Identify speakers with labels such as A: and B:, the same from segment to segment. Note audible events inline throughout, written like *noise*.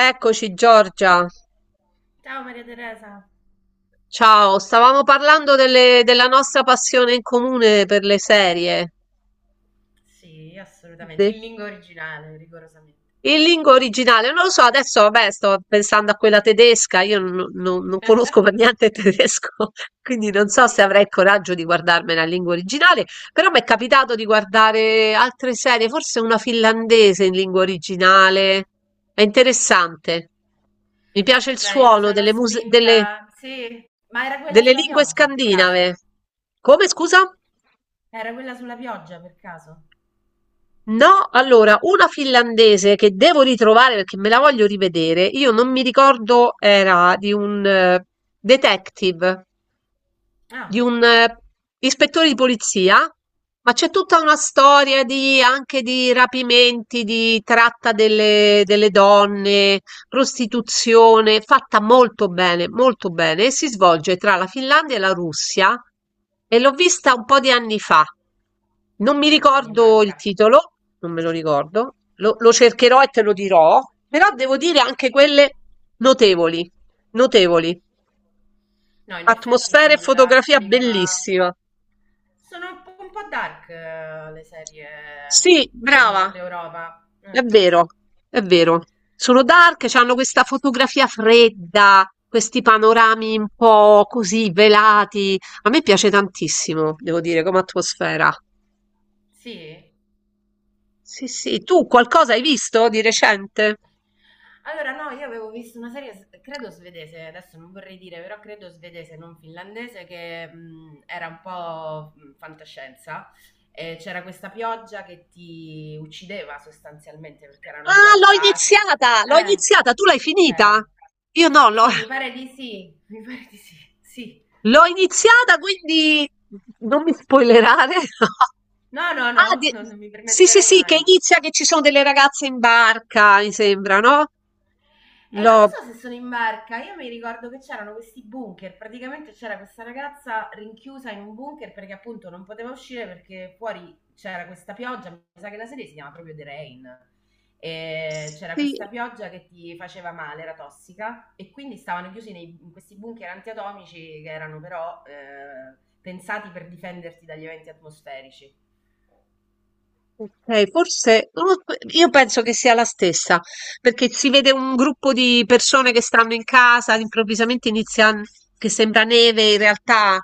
A: Eccoci Giorgia,
B: Ciao Maria Teresa.
A: ciao, stavamo parlando della nostra passione in comune per le serie.
B: Sì, assolutamente,
A: De-
B: in lingua originale, rigorosamente.
A: In lingua originale, non lo so, adesso vabbè sto pensando a quella tedesca, io non conosco per niente il tedesco, *laughs* quindi non so se avrei il coraggio di guardarmela in lingua originale, però mi è capitato di guardare altre serie, forse una finlandese in lingua originale, è interessante, mi piace il
B: Beh, io mi
A: suono
B: sono
A: delle musiche,
B: spinta. Sì, ma era quella
A: delle
B: sulla
A: lingue
B: pioggia per caso?
A: scandinave. Come scusa?
B: Era quella sulla pioggia per caso?
A: No, allora, una finlandese che devo ritrovare perché me la voglio rivedere. Io non mi ricordo, era di un detective. Di
B: Ah,
A: un, ispettore di polizia, ma c'è tutta una storia di anche di rapimenti, di tratta delle donne, prostituzione, fatta molto bene e si svolge tra la Finlandia e la Russia e l'ho vista un po' di anni fa. Non mi
B: niente, mi
A: ricordo il
B: manca.
A: titolo, non me lo ricordo, lo cercherò e te lo dirò, però devo dire anche quelle notevoli, notevoli.
B: No, in effetti
A: Atmosfera e
B: sulla
A: fotografia
B: lingua
A: bellissima.
B: sono un po' dark le serie
A: Sì,
B: del
A: brava,
B: nord Europa.
A: è vero, è vero. Sono dark, hanno questa fotografia fredda, questi
B: Mm.
A: panorami un po' così velati. A me piace tantissimo, devo dire, come atmosfera.
B: Sì?
A: Sì, sì, tu qualcosa hai visto di recente?
B: Allora, no, io avevo visto una serie, credo svedese, adesso non vorrei dire, però credo svedese, non finlandese, che era un po' fantascienza. E c'era questa pioggia che ti uccideva sostanzialmente perché era una
A: Ah,
B: pioggia acida.
A: l'ho
B: Eh,
A: iniziata, tu l'hai finita?
B: ok.
A: Io no, l'ho
B: Sì, mi
A: *laughs*
B: pare di sì, *laughs* mi pare di sì, sì.
A: l'ho iniziata, quindi non mi spoilerare. *laughs*
B: No, no, no,
A: Ah, di-
B: non mi
A: sì, sì,
B: permetterei
A: sì, che
B: mai.
A: inizia che ci sono delle ragazze in barca, mi sembra, no?
B: E non
A: L'ho...
B: lo so se sono in barca, io mi ricordo che c'erano questi bunker, praticamente c'era questa ragazza rinchiusa in un bunker perché appunto non poteva uscire perché fuori c'era questa pioggia, mi sa che la serie si chiama proprio The Rain, e c'era
A: Sì.
B: questa pioggia che ti faceva male, era tossica e quindi stavano chiusi in questi bunker antiatomici che erano però pensati per difenderti dagli eventi atmosferici.
A: Okay, forse non lo so, io penso che sia la stessa, perché si vede un gruppo di persone che stanno in casa, improvvisamente inizia che sembra neve, in realtà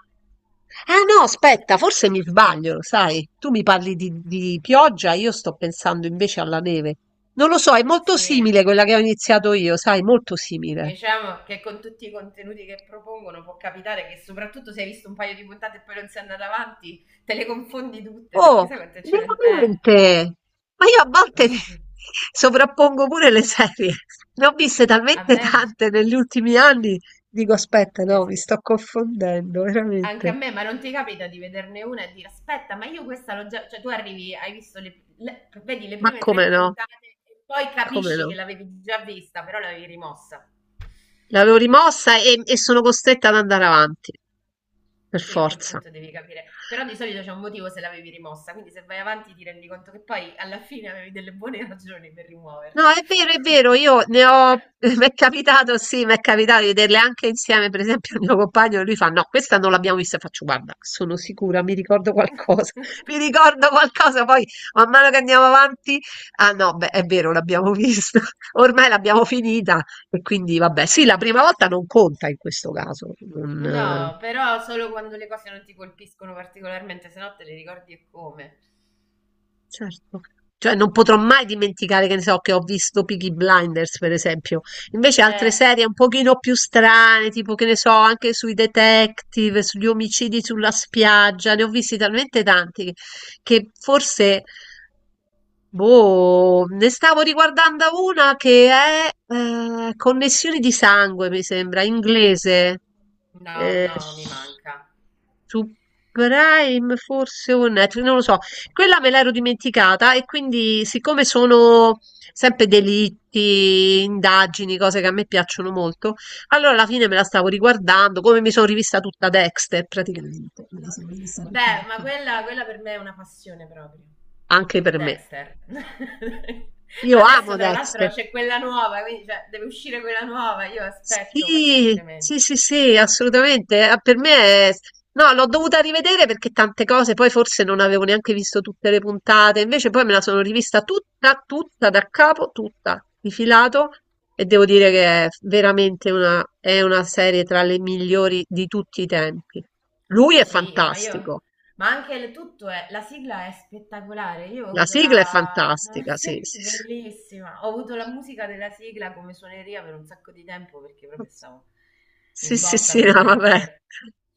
A: ah no, aspetta, forse mi sbaglio, lo sai? Tu mi parli di pioggia, io sto pensando invece alla neve. Non lo so, è molto
B: Sì,
A: simile quella che ho iniziato io, sai, molto simile.
B: diciamo che con tutti i contenuti che propongono può capitare che soprattutto se hai visto un paio di puntate e poi non sei andata avanti, te le confondi tutte perché
A: Oh,
B: sai quante ce ne...
A: veramente! Ma io a
B: ma
A: volte mi-
B: sì.
A: *laughs* sovrappongo pure le serie. Ne ho viste
B: A
A: talmente
B: me,
A: tante negli ultimi anni. Dico, aspetta, no, mi
B: esatto.
A: sto confondendo,
B: Anche a
A: veramente.
B: me, ma non ti capita di vederne una e dire aspetta, ma io questa l'ho già... Cioè tu arrivi, hai visto vedi le
A: Ma
B: prime tre
A: come no?
B: puntate e poi
A: Come
B: capisci che
A: no?
B: l'avevi già vista, però l'avevi rimossa.
A: L'avevo rimossa e sono costretta ad andare avanti, per
B: Sì, a quel
A: forza.
B: punto devi capire, però di solito c'è un motivo se l'avevi rimossa, quindi se vai avanti ti rendi conto che poi alla fine avevi delle buone *laughs* ragioni per
A: No,
B: rimuoverla.
A: è vero, io ne ho, *laughs* mi è capitato, sì, mi è capitato di vederle anche insieme, per esempio, il mio compagno, lui fa, no, questa non l'abbiamo vista, faccio, guarda, sono sicura, mi ricordo qualcosa, *laughs*
B: *laughs*
A: mi ricordo qualcosa, poi man mano che andiamo avanti, ah no, beh, è vero, l'abbiamo vista, *laughs* ormai l'abbiamo finita, e quindi vabbè, sì, la prima volta non conta in questo caso, non, eh,
B: No, però solo quando le cose non ti colpiscono particolarmente, se no te le ricordi e come.
A: certo. Cioè non potrò mai dimenticare, che ne so, che ho visto Peaky Blinders, per esempio. Invece altre
B: Eh,
A: serie un pochino più strane, tipo che ne so, anche sui detective, sugli omicidi sulla spiaggia, ne ho visti talmente tanti che forse, boh, ne stavo riguardando una che è Connessioni di sangue, mi sembra, inglese.
B: no,
A: Eh,
B: no, mi manca.
A: su Prime forse o Netflix, non lo so. Quella me l'ero dimenticata e quindi siccome sono sempre delitti, indagini, cose che a me piacciono molto, allora alla fine me la stavo riguardando, come mi sono rivista tutta Dexter praticamente, me la sono rivista
B: Beh,
A: tutta
B: ma quella, quella per me è una passione proprio.
A: anche per me.
B: Dexter. *laughs*
A: Io
B: Adesso
A: amo
B: tra l'altro
A: Dexter.
B: c'è quella nuova, quindi cioè, deve uscire quella nuova, io aspetto
A: Sì,
B: pazientemente.
A: sì, sì, sì, assolutamente. Ah, per me è... No, l'ho dovuta rivedere perché tante cose, poi forse non avevo neanche visto tutte le puntate, invece poi me la sono rivista tutta, tutta da capo, tutta, di filato, e devo dire che è veramente una, è una serie tra le migliori di tutti i tempi. Lui è
B: Sì, ma
A: fantastico,
B: io... Ma anche il tutto è... La sigla è spettacolare. Io ho
A: la
B: avuto
A: sigla è
B: la...
A: fantastica,
B: *laughs*
A: sì,
B: Sì,
A: sì,
B: bellissima. Ho avuto la musica della sigla come suoneria per un sacco di tempo perché proprio stavo
A: sì,
B: in
A: sì,
B: botta
A: sì, sì,
B: con
A: no, vabbè.
B: Dexter.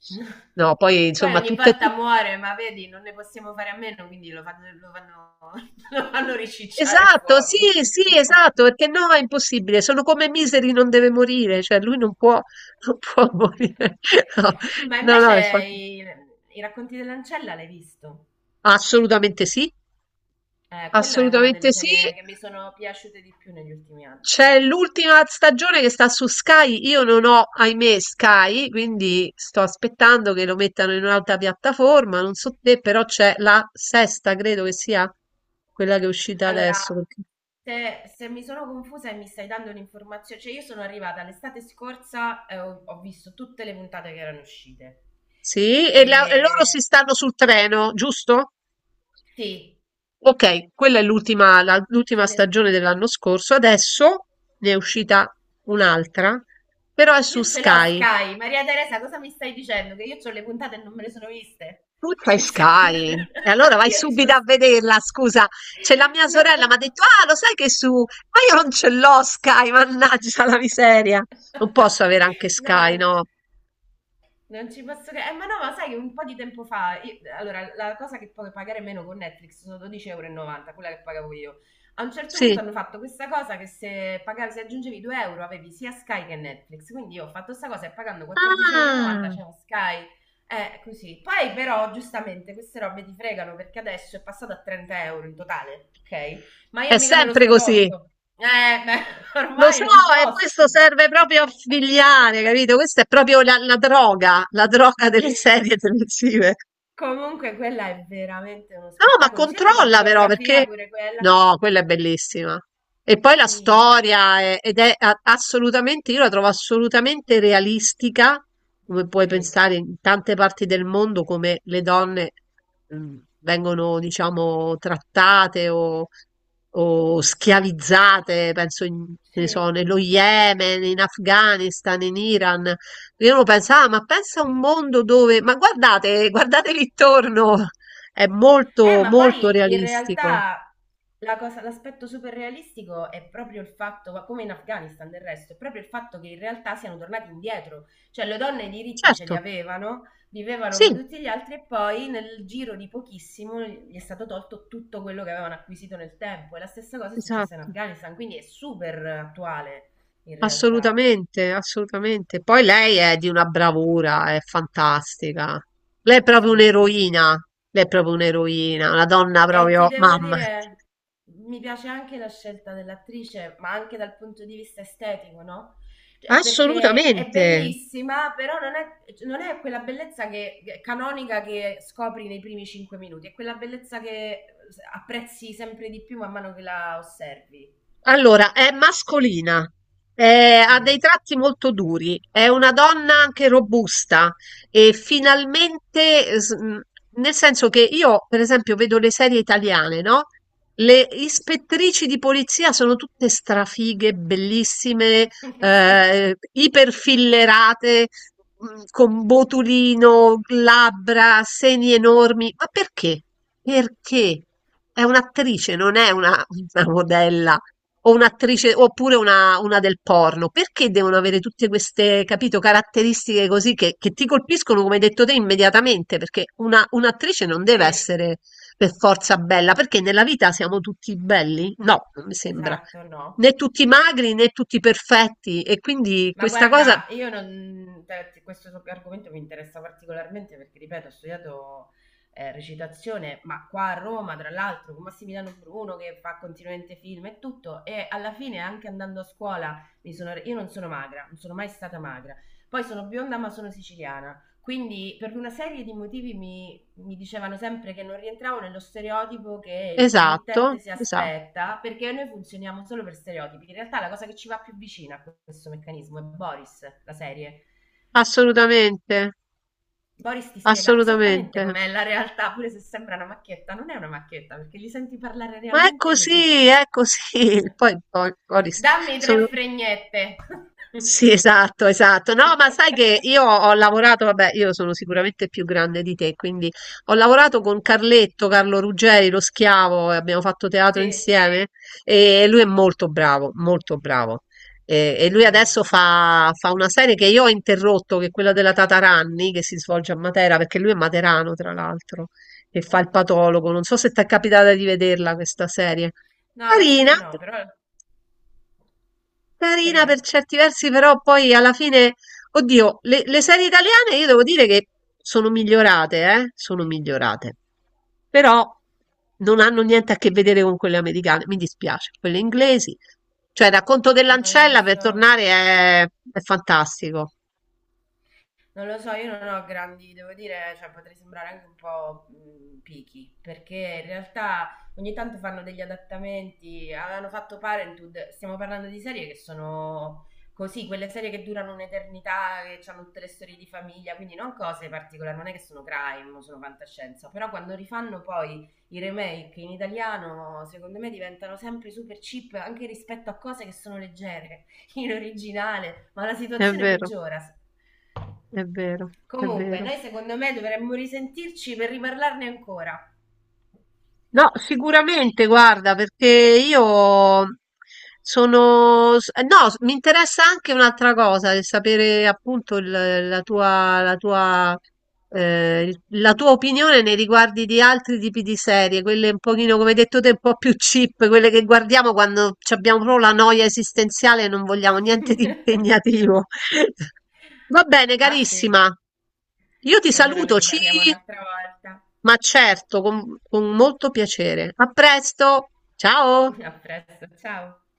B: *laughs*
A: No, poi
B: Poi
A: insomma,
B: ogni
A: tutte e
B: volta muore, ma vedi, non ne possiamo fare a meno, quindi lo fanno, *laughs* lo fanno ricicciare
A: esatto,
B: fuori in
A: sì, sì,
B: qualche modo.
A: esatto, perché no, è impossibile, sono come Misery non deve morire, cioè lui non può, non può *laughs* morire. No,
B: Ma
A: no, no,
B: invece i, i racconti dell'ancella l'hai visto?
A: assolutamente sì,
B: Quello è una delle
A: assolutamente sì.
B: serie che mi sono piaciute di più negli ultimi anni.
A: C'è l'ultima stagione che sta su Sky, io non ho, ahimè, Sky, quindi sto aspettando che lo mettano in un'altra piattaforma, non so te, però c'è la sesta, credo che sia quella che è uscita
B: Allora,
A: adesso.
B: se mi sono confusa e mi stai dando un'informazione, cioè io sono arrivata l'estate scorsa e ho visto tutte le puntate che erano uscite.
A: Sì, e loro si
B: E
A: stanno sul treno, giusto?
B: sì,
A: Ok, quella è l'ultima l'ultima
B: ne-
A: stagione dell'anno scorso. Adesso ne è uscita un'altra, però è su
B: io ce l'ho
A: Sky.
B: Sky. Maria Teresa, cosa mi stai dicendo? Che io ho le puntate e non me le sono viste?
A: Tu c'hai
B: Mi stai-
A: Sky. E allora vai
B: *laughs* Io
A: subito
B: c'ho
A: a
B: Sky.
A: vederla, scusa. C'è la mia
B: No.
A: sorella, mi ha
B: *laughs*
A: detto, ah, lo sai che su... Ma io non ce l'ho Sky, mannaggia la miseria. Non posso avere anche Sky,
B: No.
A: no?
B: Non ci posso credere. Ma no, ma sai che un po' di tempo fa, allora, la cosa che puoi pagare meno con Netflix sono 12,90 euro, quella che pagavo io. A un certo punto
A: Sì.
B: hanno fatto questa cosa che se pagavi, se aggiungevi 2 euro avevi sia Sky che Netflix. Quindi io ho fatto questa cosa e pagando 14,90 euro
A: Ah,
B: c'è un Sky. Così. Poi però, giustamente, queste robe ti fregano perché adesso è passato a 30 euro in totale, ok? Ma
A: è
B: io mica me lo
A: sempre
B: sono
A: così.
B: tolto. Beh, *laughs*
A: Lo
B: ormai
A: so,
B: non
A: e
B: posso.
A: questo serve proprio a figliare, capito?
B: *laughs*
A: Questa è proprio la droga, la droga delle serie televisive.
B: Comunque quella è veramente uno
A: No, ma
B: spettacolo, sia per la
A: controlla però
B: fotografia
A: perché
B: pure quella.
A: no, quella è bellissima. E poi
B: Sì,
A: ed è assolutamente, io la trovo assolutamente realistica, come puoi
B: sì,
A: pensare in tante parti del mondo come le donne mm, vengono, diciamo, trattate o schiavizzate, penso che ne
B: sì.
A: so, nello Yemen, in Afghanistan, in Iran. Io non pensavo, "Ah, ma pensa a un mondo dove, ma guardate, guardate lì intorno. È molto,
B: Ma
A: molto
B: poi in
A: realistico.
B: realtà la cosa- l'aspetto super realistico è proprio il fatto, ma come in Afghanistan del resto, è proprio il fatto che in realtà siano tornati indietro. Cioè le donne i diritti ce
A: Certo,
B: li avevano, vivevano come
A: sì,
B: tutti gli altri e poi nel giro di pochissimo gli è stato tolto tutto quello che avevano acquisito nel tempo. E la stessa cosa è successa in
A: esatto,
B: Afghanistan, quindi è super attuale in realtà.
A: assolutamente, assolutamente. Poi lei è di una bravura, è fantastica. Lei è proprio
B: Sì, mi-
A: un'eroina, lei è proprio un'eroina, una donna
B: e ti
A: proprio
B: devo
A: mamma.
B: dire, mi piace anche la scelta dell'attrice, ma anche dal punto di vista estetico, no? Cioè, perché è
A: Assolutamente.
B: bellissima, però non è, non è quella bellezza che- canonica che scopri nei primi cinque minuti, è quella bellezza che apprezzi sempre di più man mano che la osservi.
A: Allora, è mascolina, ha
B: Sì,
A: dei tratti molto duri, è una donna anche robusta e
B: sì,
A: finalmente, nel senso che io, per esempio, vedo le serie italiane, no? Le ispettrici di polizia sono tutte strafighe, bellissime,
B: *laughs* sì,
A: iperfillerate, con botulino, labbra, seni enormi. Ma perché? Perché? È un'attrice, non è una modella o un'attrice, oppure una del porno, perché devono avere tutte queste, capito, caratteristiche così che ti colpiscono, come hai detto te, immediatamente? Perché un'attrice non deve
B: sì,
A: essere per forza bella, perché nella vita siamo tutti belli? No, non mi sembra.
B: esatto, no.
A: Né tutti magri né tutti perfetti, e quindi
B: Ma
A: questa cosa,
B: guarda, io non, questo argomento mi interessa particolarmente perché, ripeto, ho studiato recitazione, ma qua a Roma, tra l'altro, con Massimiliano Bruno che fa continuamente film e tutto, e alla fine anche andando a scuola mi sono, io non sono magra, non sono mai stata magra. Poi sono bionda ma sono siciliana, quindi per una serie di motivi mi dicevano sempre che non rientravo nello stereotipo che il
A: esatto,
B: committente si
A: esatto,
B: aspetta, perché noi funzioniamo solo per stereotipi. In realtà la cosa che ci va più vicina a questo meccanismo è Boris, la serie.
A: assolutamente,
B: Boris ti spiega esattamente
A: assolutamente.
B: com'è la realtà, pure se sembra una macchietta, non è una macchietta, perché li senti parlare
A: Ma è
B: realmente così.
A: così, è così. *laughs* Poi, poi, poi
B: Dammi tre
A: sono
B: fregnette.
A: sì, esatto, esatto. No, ma sai che
B: *laughs*
A: io ho lavorato, vabbè, io sono sicuramente più grande di te, quindi ho lavorato con Carletto, Carlo Ruggeri, lo schiavo, e abbiamo fatto teatro
B: Sì,
A: insieme e lui è molto bravo, molto bravo. E lui
B: sì.
A: adesso fa una serie che io ho interrotto, che è quella della Tataranni, che si svolge a Matera, perché lui è materano, tra l'altro, e fa il
B: Ah.
A: patologo. Non so se ti è capitata di vederla questa serie.
B: No, la
A: Carina.
B: serie no, però
A: Carina
B: carina.
A: per certi versi, però poi alla fine, oddio, le serie italiane io devo dire che sono migliorate, eh? Sono migliorate. Però non hanno niente a che vedere con quelle americane, mi dispiace, quelle inglesi. Cioè, Racconto
B: Non lo
A: dell'ancella per
B: so.
A: tornare è fantastico.
B: Non lo so, io non ho grandi, devo dire, cioè potrei sembrare anche un po' picky, perché in realtà ogni tanto fanno degli adattamenti, avevano fatto Parenthood, stiamo parlando di serie che sono così, quelle serie che durano un'eternità, che hanno tutte le storie di famiglia, quindi non cose particolari, non è che sono crime, o sono fantascienza, però quando rifanno poi i remake in italiano, secondo me diventano sempre super cheap anche rispetto a cose che sono leggere *laughs* in originale, ma la
A: È
B: situazione
A: vero,
B: peggiora.
A: è vero, è
B: Comunque,
A: vero.
B: noi secondo me dovremmo risentirci per riparlarne ancora.
A: No, sicuramente, guarda, perché io sono... No, mi interessa anche un'altra cosa, il sapere appunto la tua, la tua opinione nei riguardi di altri tipi di serie, quelle un pochino, come hai detto te, un po' più cheap, quelle che guardiamo quando ci abbiamo proprio la noia esistenziale e non vogliamo niente di
B: *laughs*
A: impegnativo. *laughs* Va bene,
B: Ah sì,
A: carissima. Io ti
B: e allora ne
A: saluto, ci
B: riparliamo un'altra volta.
A: ma certo, con molto piacere. A presto! Ciao!
B: *laughs* A presto, ciao.